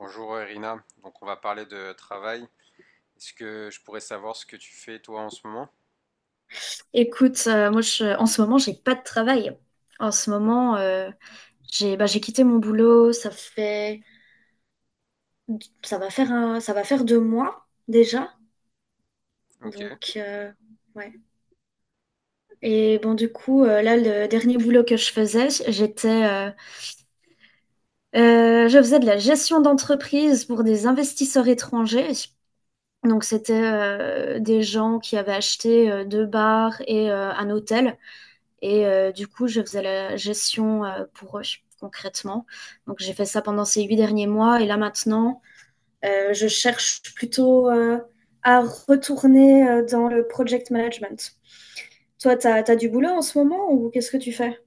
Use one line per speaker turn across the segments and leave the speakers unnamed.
Bonjour Irina, donc on va parler de travail. Est-ce que je pourrais savoir ce que tu fais toi en ce moment?
Écoute, moi en ce moment, j'ai pas de travail. En ce moment, j'ai quitté mon boulot, ça va faire deux mois déjà.
Ok.
Donc euh, ouais. Et bon du coup, là le dernier boulot que je faisais, j'étais je faisais de la gestion d'entreprise pour des investisseurs étrangers. Donc c'était des gens qui avaient acheté deux bars et un hôtel. Et du coup, je faisais la gestion pour eux, concrètement. Donc, j'ai fait ça pendant ces huit derniers mois. Et là, maintenant, je cherche plutôt à retourner dans le project management. Toi, tu as, du boulot en ce moment ou qu'est-ce que tu fais?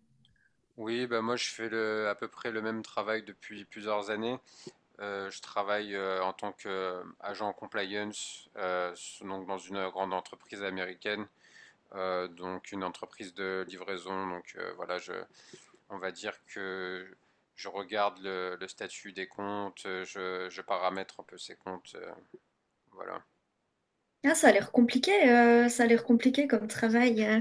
Oui, bah moi je fais à peu près le même travail depuis plusieurs années. Je travaille en tant qu'agent compliance, donc dans une grande entreprise américaine, donc une entreprise de livraison. Donc voilà, je, on va dire que je regarde le statut des comptes, je paramètre un peu ces comptes, voilà.
Ah, ça a l'air compliqué, ça a l'air compliqué comme travail.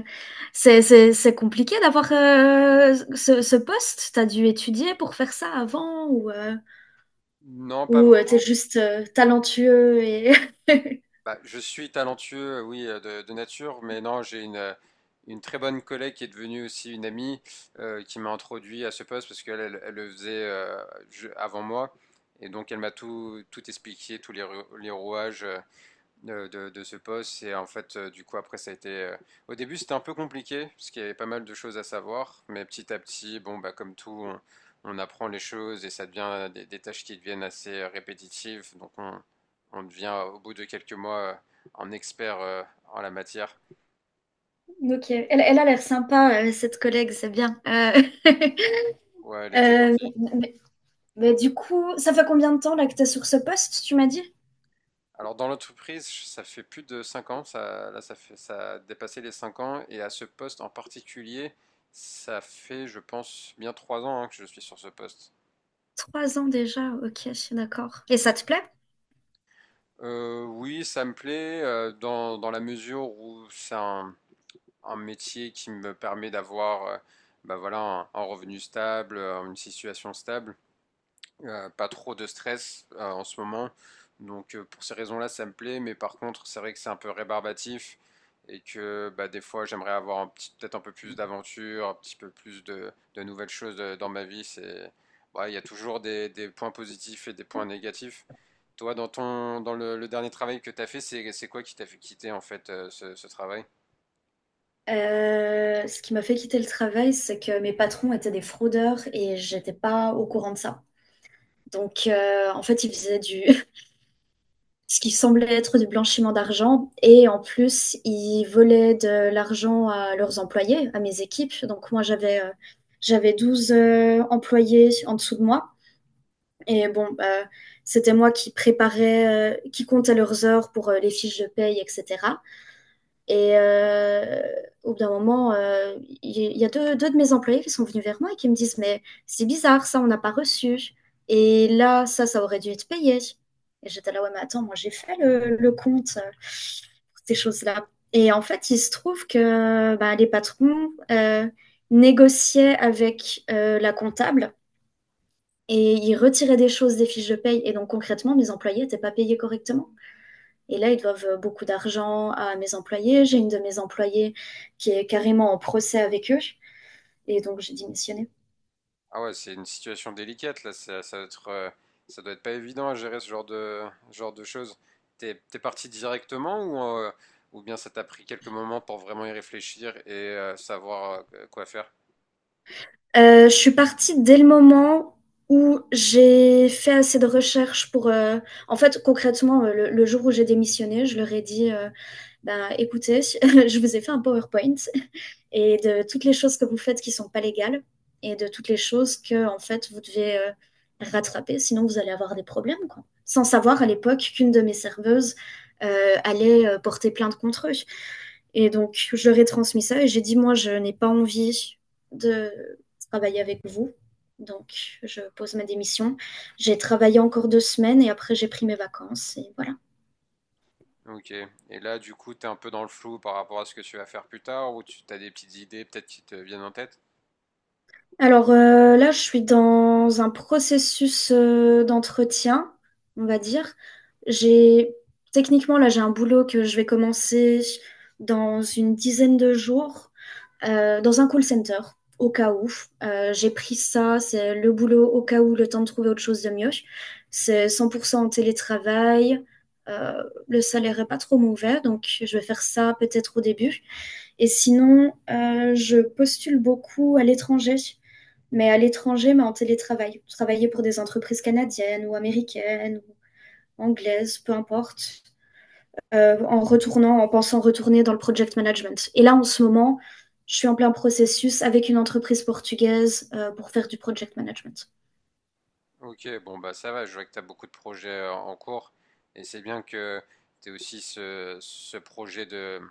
C'est compliqué d'avoir ce poste. T'as dû étudier pour faire ça avant ou,
Non, pas.
ou t'es juste talentueux et...
Bah, je suis talentueux, oui, de nature, mais non, j'ai une très bonne collègue qui est devenue aussi une amie qui m'a introduit à ce poste parce qu'elle elle, elle le faisait avant moi. Et donc, elle m'a tout expliqué, tous les rouages de ce poste. Et en fait, du coup, après, ça a été. Au début, c'était un peu compliqué, parce qu'il y avait pas mal de choses à savoir. Mais petit à petit, bon, bah, comme tout, on apprend les choses et ça devient des tâches qui deviennent assez répétitives. Donc, on devient, au bout de quelques mois, un expert en la matière.
Ok, elle a l'air sympa, cette collègue, c'est bien.
Ouais, elle était
Euh,
gentille.
mais, mais du coup, ça fait combien de temps là que tu es sur ce poste, tu m'as dit?
Alors, dans l'entreprise, ça fait plus de 5 ans. Ça, là, ça fait, ça a dépassé les 5 ans. Et à ce poste en particulier, ça fait, je pense, bien 3 ans hein, que je suis sur ce poste.
Trois ans déjà, ok, je suis d'accord. Et ça te plaît?
Oui, ça me plaît dans la mesure où c'est un métier qui me permet d'avoir bah voilà, un revenu stable, une situation stable, pas trop de stress en ce moment. Donc pour ces raisons-là, ça me plaît, mais par contre, c'est vrai que c'est un peu rébarbatif et que bah, des fois, j'aimerais avoir peut-être un peu plus d'aventure, un petit peu plus de nouvelles choses dans ma vie. C'est, bah, il y a toujours des points positifs et des points négatifs. Toi, dans le dernier travail que tu as fait, c'est quoi qui t'a fait quitter en fait ce travail?
Ce qui m'a fait quitter le travail, c'est que mes patrons étaient des fraudeurs et j'étais pas au courant de ça. Donc, en fait, ce qui semblait être du blanchiment d'argent. Et en plus, ils volaient de l'argent à leurs employés, à mes équipes. Donc moi, j'avais 12 employés en dessous de moi. Et bon, c'était moi qui préparais, qui comptais leurs heures pour les fiches de paye, etc. Et au bout d'un moment, il y a deux de mes employés qui sont venus vers moi et qui me disent, mais c'est bizarre, ça, on n'a pas reçu. Et là, ça aurait dû être payé. Et j'étais là, ouais, mais attends, moi, j'ai fait le compte pour ces choses-là. Et en fait, il se trouve que bah, les patrons négociaient avec la comptable et ils retiraient des choses des fiches de paye. Et donc, concrètement, mes employés n'étaient pas payés correctement. Et là, ils doivent beaucoup d'argent à mes employés. J'ai une de mes employées qui est carrément en procès avec eux. Et donc, j'ai démissionné.
Ah ouais, c'est une situation délicate là, ça, ça doit être pas évident à gérer ce genre genre de choses. T'es, t'es parti directement ou bien ça t'a pris quelques moments pour vraiment y réfléchir et savoir quoi faire?
Je suis partie dès le moment où j'ai fait assez de recherches pour... en fait, concrètement, le jour où j'ai démissionné, je leur ai dit, ben, écoutez, je vous ai fait un PowerPoint et de toutes les choses que vous faites qui sont pas légales et de toutes les choses que en fait vous devez rattraper, sinon vous allez avoir des problèmes quoi. Sans savoir à l'époque qu'une de mes serveuses allait porter plainte contre eux. Et donc je leur ai transmis ça et j'ai dit moi je n'ai pas envie de travailler avec vous. Donc je pose ma démission. J'ai travaillé encore deux semaines et après j'ai pris mes vacances et voilà.
Ok. Et là, du coup, t'es un peu dans le flou par rapport à ce que tu vas faire plus tard ou tu as des petites idées peut-être qui te viennent en tête?
Alors là, je suis dans un processus d'entretien, on va dire. J'ai techniquement là, j'ai un boulot que je vais commencer dans une dizaine de jours dans un call center, au cas où. J'ai pris ça, c'est le boulot au cas où, le temps de trouver autre chose de mieux. C'est 100% en télétravail. euh, le salaire est pas trop mauvais, donc je vais faire ça peut-être au début. Et sinon, je postule beaucoup à l'étranger mais en télétravail. Travailler pour des entreprises canadiennes ou américaines ou anglaises, peu importe, en pensant retourner dans le project management. Et là, en ce moment, je suis en plein processus avec une entreprise portugaise pour faire du project management.
Ok, bon bah ça va, je vois que tu as beaucoup de projets en cours et c'est bien que tu aies aussi ce, ce projet de,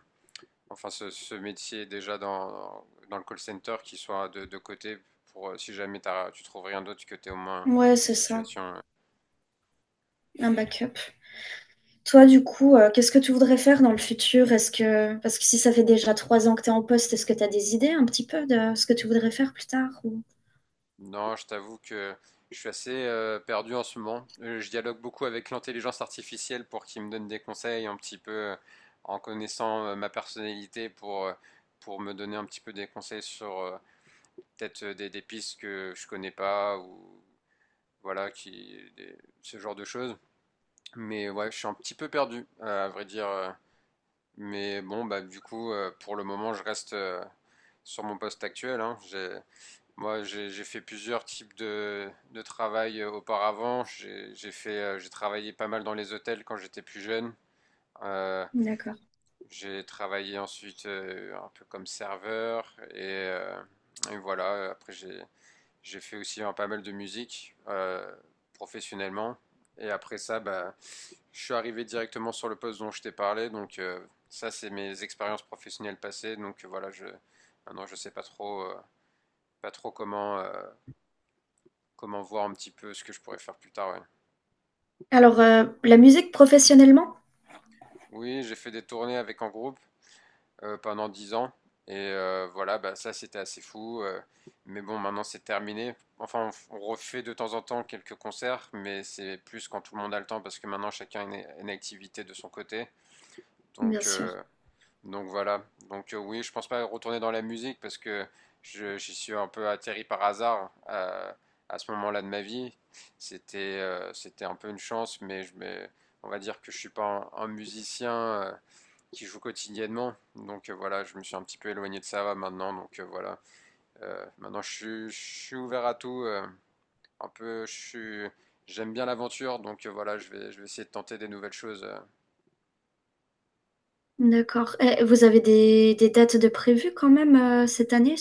enfin ce métier déjà dans, dans le call center qui soit de côté pour si jamais tu trouves rien d'autre que tu aies au moins
Ouais,
une
c'est ça,
situation.
un backup. Toi, du coup, qu'est-ce que tu voudrais faire dans le futur? Est-ce que, parce que si ça fait déjà trois ans que tu es en poste, est-ce que tu as des idées un petit peu de ce que tu voudrais faire plus tard ou-
Non, je t'avoue que je suis assez perdu en ce moment. Je dialogue beaucoup avec l'intelligence artificielle pour qu'il me donne des conseils un petit peu en connaissant ma personnalité pour me donner un petit peu des conseils sur peut-être des pistes que je connais pas ou voilà, ce genre de choses. Mais ouais, je suis un petit peu perdu, à vrai dire. Mais bon, bah du coup, pour le moment, je reste sur mon poste actuel, hein. J'ai fait plusieurs types de travail auparavant. J'ai fait, j'ai travaillé pas mal dans les hôtels quand j'étais plus jeune. Euh,
D'accord.
j'ai travaillé ensuite un peu comme serveur et voilà. Après, j'ai fait aussi hein, pas mal de musique professionnellement. Et après ça, bah, je suis arrivé directement sur le poste dont je t'ai parlé. Donc ça, c'est mes expériences professionnelles passées. Donc voilà, je, maintenant je sais pas trop, pas trop comment, comment voir un petit peu ce que je pourrais faire plus tard, ouais.
Alors, la musique professionnellement?
Oui, j'ai fait des tournées avec en groupe, pendant 10 ans. Et voilà, bah, ça c'était assez fou, mais bon, maintenant c'est terminé. Enfin, on refait de temps en temps quelques concerts, mais c'est plus quand tout le monde a le temps parce que maintenant chacun a une activité de son côté.
Bien
Donc,
sûr.
euh, donc voilà. Donc oui, je pense pas retourner dans la musique parce que j'y suis un peu atterri par hasard à ce moment-là de ma vie. C'était un peu une chance, mais on va dire que je suis pas un, un musicien qui joue quotidiennement. Donc voilà, je me suis un petit peu éloigné de ça maintenant. Donc voilà, maintenant je suis ouvert à tout, un peu, je suis, j'aime bien l'aventure. Donc voilà, je vais essayer de tenter des nouvelles choses.
D'accord. Et vous avez des dates de prévues quand même cette année?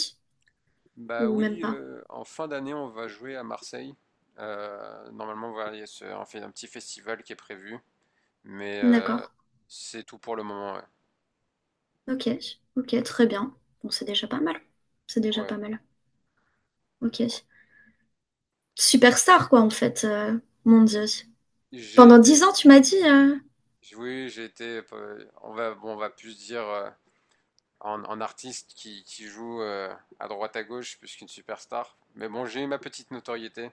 Bah
Ou même
oui,
pas?
en fin d'année, on va jouer à Marseille. Normalement, voilà, il y a on fait un petit festival qui est prévu. Mais
D'accord.
c'est tout pour le moment. Ouais.
Ok. Ok, très bien. Bon, c'est déjà pas mal. C'est déjà
Ouais.
pas mal. Ok. Superstar, quoi, en fait. Mon Dieu.
J'ai
Pendant dix
été,
ans, tu m'as dit.
oui, j'ai été. On va, bon, on va plus dire en artiste qui joue à droite à gauche plus qu'une superstar. Mais bon, j'ai eu ma petite notoriété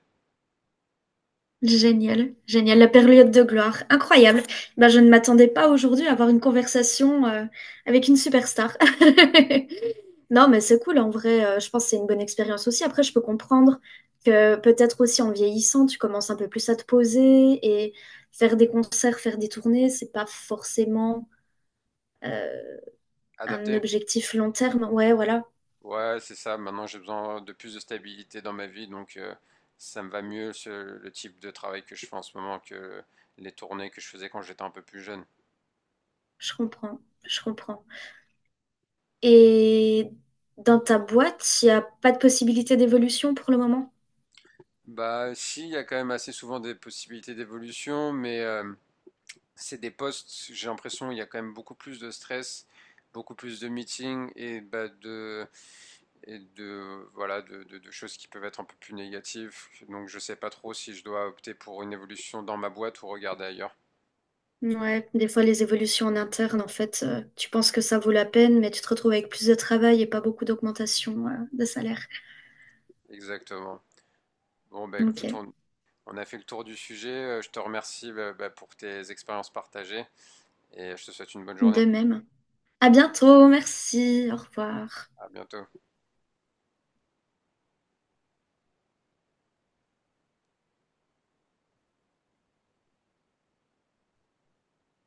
Génial, génial, la période de gloire, incroyable. Ben, je ne m'attendais pas aujourd'hui à avoir une conversation avec une superstar. Non, mais c'est cool en vrai, je pense que c'est une bonne expérience aussi. Après, je peux comprendre que peut-être aussi en vieillissant, tu commences un peu plus à te poser et faire des concerts, faire des tournées, c'est pas forcément euh, un
adaptée.
objectif long terme. Ouais, voilà,
Ouais, c'est ça. Maintenant, j'ai besoin de plus de stabilité dans ma vie, donc ça me va mieux le type de travail que je fais en ce moment que les tournées que je faisais quand j'étais un peu plus jeune.
je comprends, je comprends. Et dans ta boîte, il n'y a pas de possibilité d'évolution pour le moment?
Bah, si, il y a quand même assez souvent des possibilités d'évolution, mais c'est des postes, j'ai l'impression, il y a quand même beaucoup plus de stress, beaucoup plus de meetings et bah, de et de voilà de choses qui peuvent être un peu plus négatives. Donc je sais pas trop si je dois opter pour une évolution dans ma boîte ou regarder ailleurs.
Ouais, des fois les évolutions en interne, en fait, tu penses que ça vaut la peine, mais tu te retrouves avec plus de travail et pas beaucoup d'augmentation, de salaire.
Exactement. Bon bah écoute,
Ok,
on a fait le tour du sujet. Je te remercie bah, pour tes expériences partagées et je te souhaite une bonne journée.
de même. À bientôt, merci, au revoir.
À bientôt.